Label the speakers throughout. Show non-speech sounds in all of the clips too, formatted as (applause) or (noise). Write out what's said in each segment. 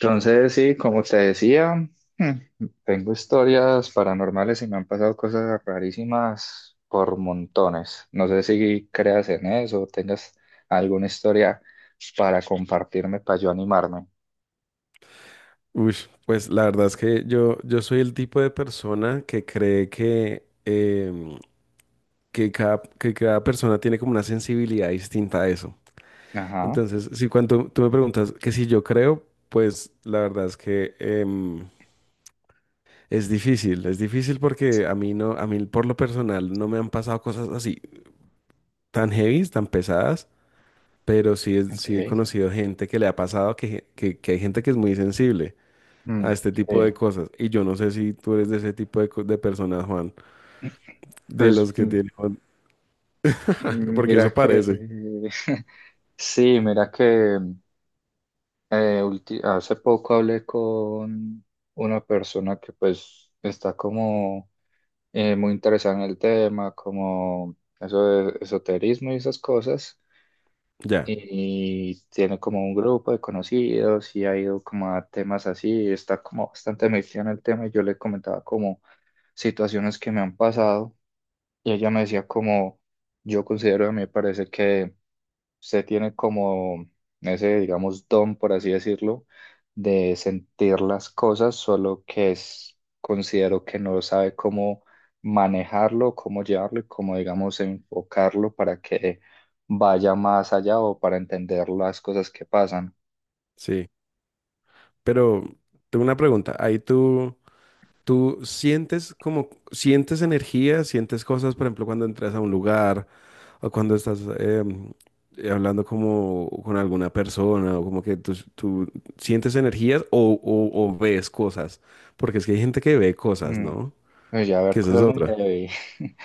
Speaker 1: Entonces, sí, como te decía, tengo historias paranormales y me han pasado cosas rarísimas por montones. No sé si creas en eso o tengas alguna historia para compartirme, para yo animarme.
Speaker 2: Uy, pues la verdad es que yo soy el tipo de persona que cree que, que cada persona tiene como una sensibilidad distinta a eso.
Speaker 1: Ajá,
Speaker 2: Entonces, si cuando tú me preguntas que si yo creo, pues la verdad es que es difícil porque a mí por lo personal no me han pasado cosas así tan heavy, tan pesadas, pero sí,
Speaker 1: ok.
Speaker 2: sí he conocido gente que le ha pasado que hay gente que es muy sensible a
Speaker 1: Mm,
Speaker 2: este tipo de
Speaker 1: sí.
Speaker 2: cosas. Y yo no sé si tú eres de ese tipo de personas, Juan, de
Speaker 1: Pues
Speaker 2: los que tienen, (laughs) porque eso
Speaker 1: mira que,
Speaker 2: parece.
Speaker 1: (laughs) sí, mira que hace poco hablé con una persona que pues está como muy interesada en el tema, como eso de esoterismo y esas cosas.
Speaker 2: Ya,
Speaker 1: Y tiene como un grupo de conocidos y ha ido como a temas así, está como bastante metida en el tema y yo le comentaba como situaciones que me han pasado y ella me decía como yo considero, a mí me parece que usted tiene como ese, digamos, don, por así decirlo, de sentir las cosas, solo que es, considero que no sabe cómo manejarlo, cómo llevarlo y cómo, digamos, enfocarlo para que vaya más allá o para entender las cosas que pasan.
Speaker 2: sí. Pero tengo una pregunta. Tú sientes como, sientes energía, sientes cosas, por ejemplo, cuando entras a un lugar o cuando estás hablando como con alguna persona o como que tú sientes energías o ves cosas. Porque es que hay gente que ve cosas,
Speaker 1: Mm,
Speaker 2: ¿no?
Speaker 1: pues ya ver
Speaker 2: Que esa es
Speaker 1: cosas muy
Speaker 2: otra.
Speaker 1: heavy. (laughs)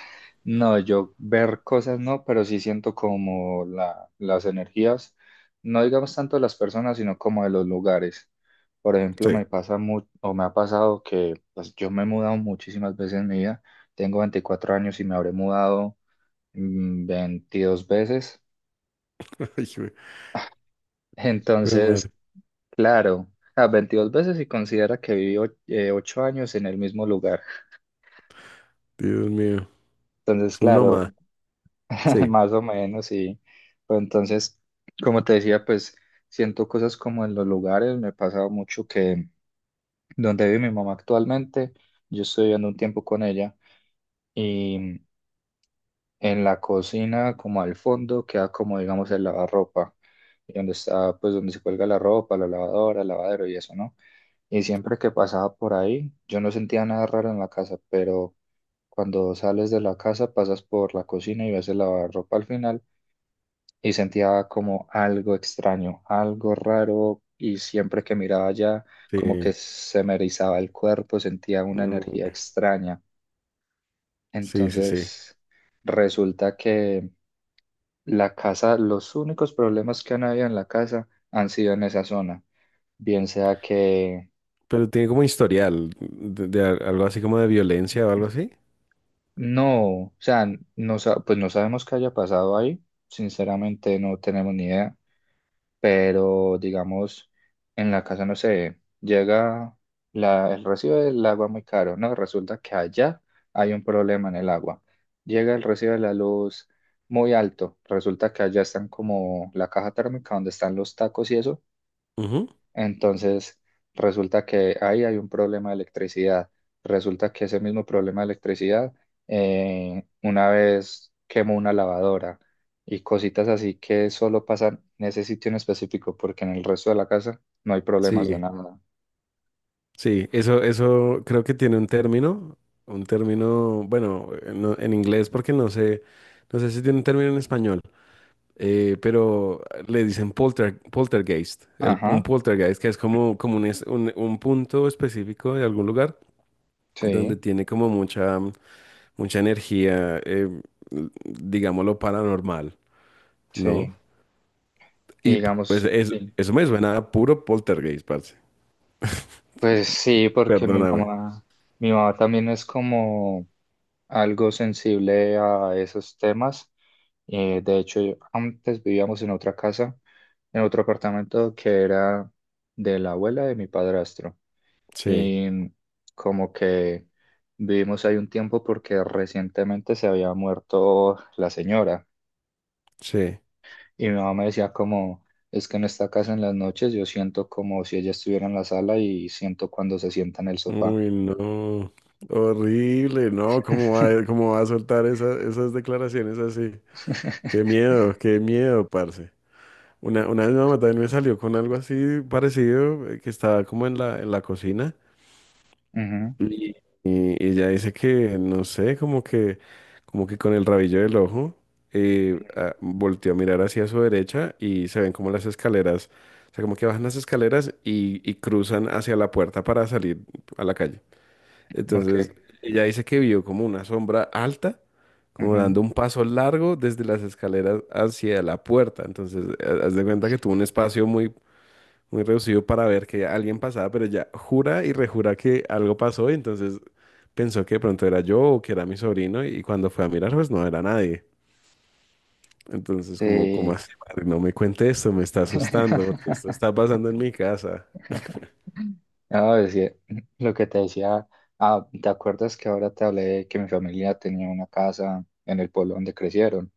Speaker 1: No, yo ver cosas no, pero sí siento como las energías, no digamos tanto de las personas, sino como de los lugares. Por ejemplo,
Speaker 2: Sí.
Speaker 1: o me ha pasado que pues, yo me he mudado muchísimas veces en mi vida. Tengo 24 años y me habré mudado 22 veces.
Speaker 2: (laughs)
Speaker 1: (laughs)
Speaker 2: Ay, güey.
Speaker 1: Entonces, claro, a 22 veces y considera que viví 8 años en el mismo lugar.
Speaker 2: Dios mío.
Speaker 1: Entonces,
Speaker 2: Es un nómada.
Speaker 1: claro, (laughs)
Speaker 2: Sí,
Speaker 1: más o menos, sí. Pero entonces, como te decía, pues siento cosas como en los lugares. Me ha pasado mucho que donde vive mi mamá actualmente, yo estoy viviendo un tiempo con ella y en la cocina, como al fondo, queda como, digamos, el lavarropa, y donde está, pues donde se cuelga la ropa, la lavadora, el lavadero y eso, ¿no? Y siempre que pasaba por ahí, yo no sentía nada raro en la casa, pero cuando sales de la casa, pasas por la cocina y ves el lavarropa al final y sentía como algo extraño, algo raro y siempre que miraba allá como que
Speaker 2: sí.
Speaker 1: se me erizaba el cuerpo, sentía una energía
Speaker 2: Mm,
Speaker 1: extraña.
Speaker 2: sí, sí, sí.
Speaker 1: Entonces resulta que la casa, los únicos problemas que han habido en la casa han sido en esa zona, bien sea que
Speaker 2: Pero tiene como historial algo así como de violencia o algo así.
Speaker 1: no, o sea, pues no sabemos qué haya pasado ahí, sinceramente no tenemos ni idea, pero digamos, en la casa, no sé, llega el recibo del agua muy caro, ¿no? Resulta que allá hay un problema en el agua. Llega el recibo de la luz muy alto, resulta que allá están como la caja térmica donde están los tacos y eso,
Speaker 2: Ujú.
Speaker 1: entonces, resulta que ahí hay un problema de electricidad. Resulta que ese mismo problema de electricidad, una vez quemó una lavadora y cositas así que solo pasan en ese sitio en específico, porque en el resto de la casa no hay problemas de
Speaker 2: Sí,
Speaker 1: nada.
Speaker 2: sí. Eso creo que tiene un término. Un término, bueno, en inglés porque no sé, no sé si tiene un término en español. Pero le dicen poltergeist. Un
Speaker 1: Ajá,
Speaker 2: poltergeist que es como, como un, un punto específico de algún lugar donde
Speaker 1: sí,
Speaker 2: tiene como mucha energía, digámoslo, paranormal, ¿no?
Speaker 1: sí. Y
Speaker 2: Y pues
Speaker 1: digamos, sí.
Speaker 2: eso me suena a puro poltergeist, parce.
Speaker 1: Pues sí, porque
Speaker 2: Perdóname.
Speaker 1: mi mamá también es como algo sensible a esos temas. De hecho, yo- Antes vivíamos en otra casa, en otro apartamento que era de la abuela de mi padrastro.
Speaker 2: Sí,
Speaker 1: Y como que vivimos ahí un tiempo porque recientemente se había muerto la señora.
Speaker 2: sí.
Speaker 1: Y mi mamá me decía como, es que en esta casa en las noches yo siento como si ella estuviera en la sala y siento cuando se sienta en el sofá.
Speaker 2: Uy, no. Horrible, no. Cómo va a soltar esas declaraciones así?
Speaker 1: (laughs)
Speaker 2: Qué miedo, parce. Una vez mi mamá también me salió con algo así parecido, que estaba como en la cocina.
Speaker 1: Ujú,
Speaker 2: Y, y ella dice que, no sé, como que con el rabillo del ojo,
Speaker 1: ujú,
Speaker 2: volteó a mirar hacia su derecha y se ven como las escaleras, o sea, como que bajan las escaleras y cruzan hacia la puerta para salir a la calle. Entonces,
Speaker 1: ok.
Speaker 2: ella dice que vio como una sombra alta, como
Speaker 1: Ujú.
Speaker 2: dando un paso largo desde las escaleras hacia la puerta. Entonces, haz de cuenta que tuvo un espacio muy, muy reducido para ver que alguien pasaba, pero ella jura y rejura que algo pasó, y entonces pensó que de pronto era yo o que era mi sobrino y cuando fue a mirar pues no era nadie. Entonces como, como
Speaker 1: Sí.
Speaker 2: así, madre, no me cuente esto, me está asustando porque esto
Speaker 1: (laughs)
Speaker 2: está pasando en mi casa.
Speaker 1: No, es que lo que te decía, ah, ¿te acuerdas que ahora te hablé de que mi familia tenía una casa en el pueblo donde crecieron?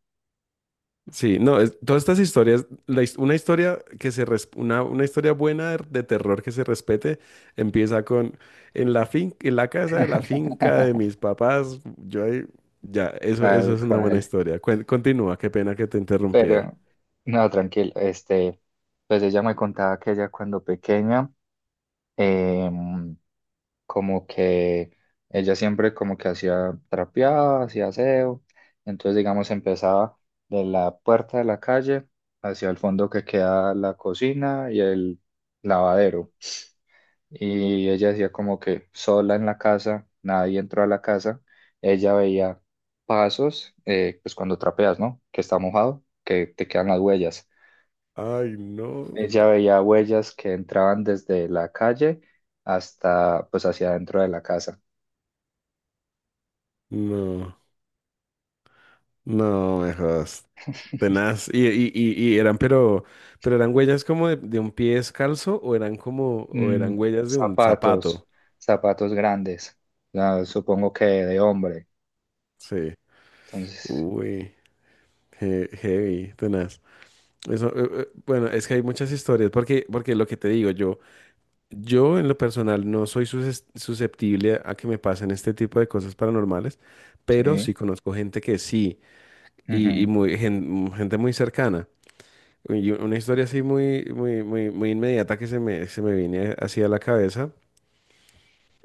Speaker 2: Sí, no, todas estas historias, una historia que una historia buena de terror que se respete empieza con en la casa de la finca de
Speaker 1: (laughs)
Speaker 2: mis papás, yo ahí, ya, eso
Speaker 1: Tal
Speaker 2: es una buena
Speaker 1: cual.
Speaker 2: historia. Continúa, qué pena que te interrumpí ahí.
Speaker 1: Pero, no, tranquilo, este, pues ella me contaba que ella cuando pequeña, em, como que ella siempre como que hacía trapeaba, hacía aseo, entonces digamos empezaba de la puerta de la calle hacia el fondo que queda la cocina y el lavadero. Y ella decía como que sola en la casa, nadie entró a la casa, ella veía pasos, pues cuando trapeas, ¿no? Que está mojado, que te quedan las huellas.
Speaker 2: Ay, no,
Speaker 1: Ella veía huellas que entraban desde la calle hasta, pues hacia adentro de la casa.
Speaker 2: no, no, mejor. Tenaz, y eran, pero eran huellas como de un pie descalzo o eran como, o
Speaker 1: Mm,
Speaker 2: eran huellas de un
Speaker 1: zapatos,
Speaker 2: zapato.
Speaker 1: zapatos grandes, ah, supongo que de hombre.
Speaker 2: Sí.
Speaker 1: Entonces,
Speaker 2: Uy, heavy, tenaz. Eso, bueno, es que hay muchas historias, porque, porque lo que te digo, yo en lo personal no soy susceptible a que me pasen este tipo de cosas paranormales, pero
Speaker 1: sí,
Speaker 2: sí conozco gente que sí, y
Speaker 1: ujú,
Speaker 2: muy, gente muy cercana. Y una historia así muy, muy, muy, muy inmediata que se me viene así a la cabeza.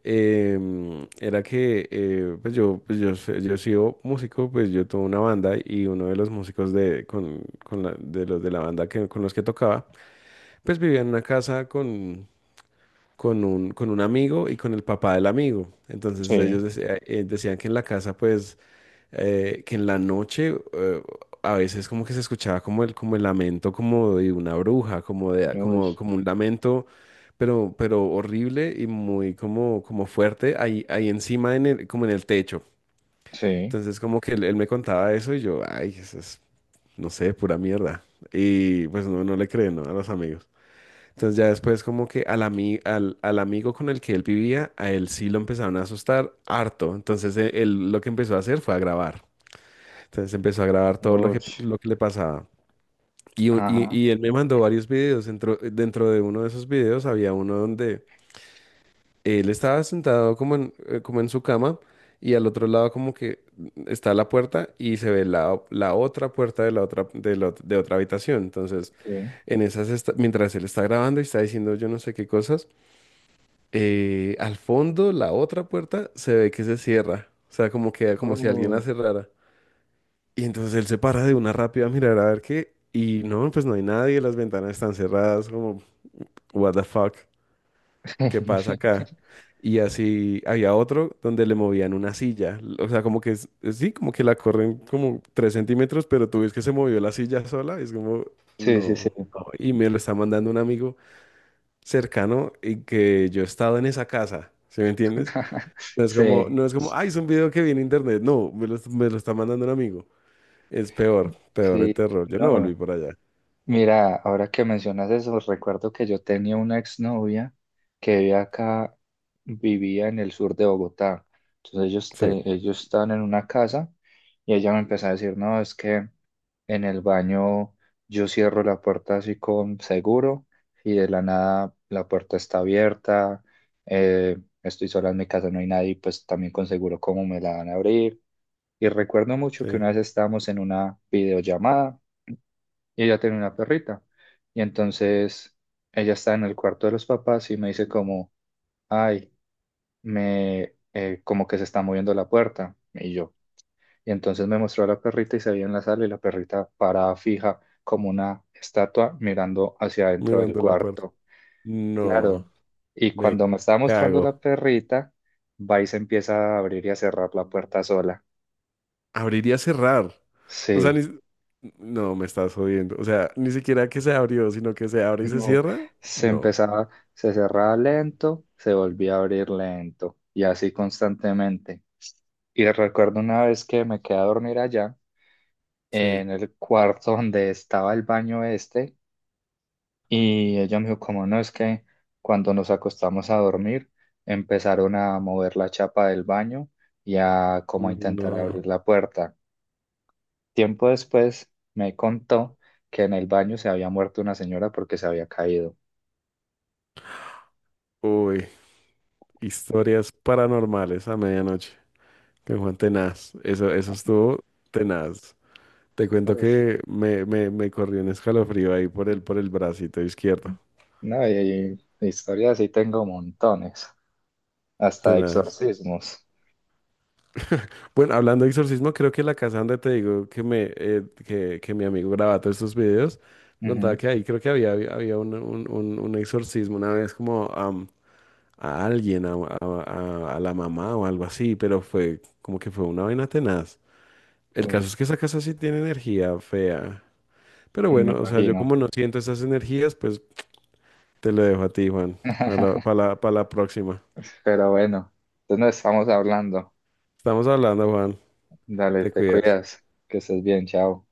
Speaker 2: Era que pues yo, yo he sido músico, pues yo tuve una banda y uno de los músicos con de los de la banda que, con los que tocaba, pues vivía en una casa con un amigo y con el papá del amigo. Entonces
Speaker 1: sí,
Speaker 2: decían que en la casa pues que en la noche a veces como que se escuchaba como el lamento como de una bruja, como de,
Speaker 1: uy,
Speaker 2: como, como un lamento, pero horrible y muy como, como fuerte ahí, ahí encima en el, como en el techo.
Speaker 1: sí,
Speaker 2: Entonces como que él me contaba eso y yo, ay, eso es, no sé, pura mierda. Y pues no, no le creen, ¿no? A los amigos. Entonces ya después como que al amigo con el que él vivía, a él sí lo empezaron a asustar harto. Entonces él lo que empezó a hacer fue a grabar. Entonces empezó a grabar todo
Speaker 1: uy,
Speaker 2: lo que le pasaba. Y,
Speaker 1: ajá,
Speaker 2: y él me mandó varios videos. Dentro de uno de esos videos había uno donde él estaba sentado como como en su cama y al otro lado como que está la puerta y se ve la otra puerta de la otra, de la ot- de otra habitación. Entonces,
Speaker 1: sí.
Speaker 2: en esas mientras él está grabando y está diciendo yo no sé qué cosas, al fondo la otra puerta se ve que se cierra. O sea, como que como si alguien la cerrara. Y entonces él se para de una rápida a mirar a ver qué. Y no, pues no hay nadie, las ventanas están cerradas, como, what the fuck, ¿qué pasa
Speaker 1: (laughs)
Speaker 2: acá? Y así había otro donde le movían una silla. O sea, como que sí, como que la corren como tres centímetros, pero tú ves que se movió la silla sola. Es como,
Speaker 1: Sí, sí,
Speaker 2: no.
Speaker 1: sí.
Speaker 2: No. Y me lo está mandando un amigo cercano y que yo he estado en esa casa, ¿sí me entiendes?
Speaker 1: (laughs)
Speaker 2: No es como,
Speaker 1: Sí,
Speaker 2: no es como, ay, es un video que viene en internet. No, me lo está mandando un amigo. Es peor, peor el
Speaker 1: sí.
Speaker 2: terror. Yo no volví
Speaker 1: No,
Speaker 2: por allá.
Speaker 1: mira, ahora que mencionas eso, recuerdo que yo tenía una exnovia que vivía acá, vivía en el sur de Bogotá. Entonces
Speaker 2: Sí,
Speaker 1: ellos estaban en una casa y ella me empezó a decir, no, es que en el baño yo cierro la puerta así con seguro y de la nada la puerta está abierta, eh, estoy sola en mi casa, no hay nadie, pues también con seguro, ¿cómo me la van a abrir? Y recuerdo mucho que
Speaker 2: sí.
Speaker 1: una vez estábamos en una videollamada y ella tenía una perrita. Y entonces ella está en el cuarto de los papás y me dice como, ay, como que se está moviendo la puerta. Y yo. Y entonces me mostró a la perrita y se veía en la sala y la perrita parada fija como una estatua mirando hacia adentro del
Speaker 2: Mirando la puerta.
Speaker 1: cuarto. Claro.
Speaker 2: No,
Speaker 1: Y
Speaker 2: me
Speaker 1: cuando me estaba mostrando la
Speaker 2: cago.
Speaker 1: perrita, va y se empieza a abrir y a cerrar la puerta sola.
Speaker 2: Abrir y cerrar. O sea,
Speaker 1: Sí.
Speaker 2: ni... No, me estás jodiendo. O sea, ni siquiera que se abrió, sino que se abre y se
Speaker 1: No,
Speaker 2: cierra.
Speaker 1: se
Speaker 2: No,
Speaker 1: empezaba, se cerraba lento, se volvía a abrir lento y así constantemente. Y recuerdo una vez que me quedé a dormir allá
Speaker 2: sí.
Speaker 1: en el cuarto donde estaba el baño este y ella me dijo, como no, es que cuando nos acostamos a dormir empezaron a mover la chapa del baño y a como a intentar
Speaker 2: No.
Speaker 1: abrir la puerta. Tiempo después me contó que en el baño se había muerto una señora porque se había caído.
Speaker 2: Uy, historias paranormales a medianoche con Juan Tenaz. Eso estuvo tenaz. Te cuento que me corrió un escalofrío ahí por el bracito izquierdo.
Speaker 1: No, y historias sí tengo montones, hasta
Speaker 2: Tenaz.
Speaker 1: exorcismos.
Speaker 2: Bueno, hablando de exorcismo, creo que la casa donde te digo que que mi amigo grababa todos estos videos, me contaba
Speaker 1: Ujú.
Speaker 2: que ahí creo que había había un, un exorcismo una vez como a alguien, a la mamá o algo así, pero fue como que fue una vaina tenaz. El
Speaker 1: Uy,
Speaker 2: caso es que esa casa sí tiene energía fea. Pero
Speaker 1: me
Speaker 2: bueno, o sea, yo
Speaker 1: imagino.
Speaker 2: como no siento esas energías, pues te lo dejo a ti, Juan, para la, para
Speaker 1: (laughs)
Speaker 2: la, para la próxima.
Speaker 1: Pero bueno, entonces nos estamos hablando.
Speaker 2: Estamos hablando, Juan,
Speaker 1: Dale,
Speaker 2: te
Speaker 1: te
Speaker 2: cuidas.
Speaker 1: cuidas, que estés bien, chao.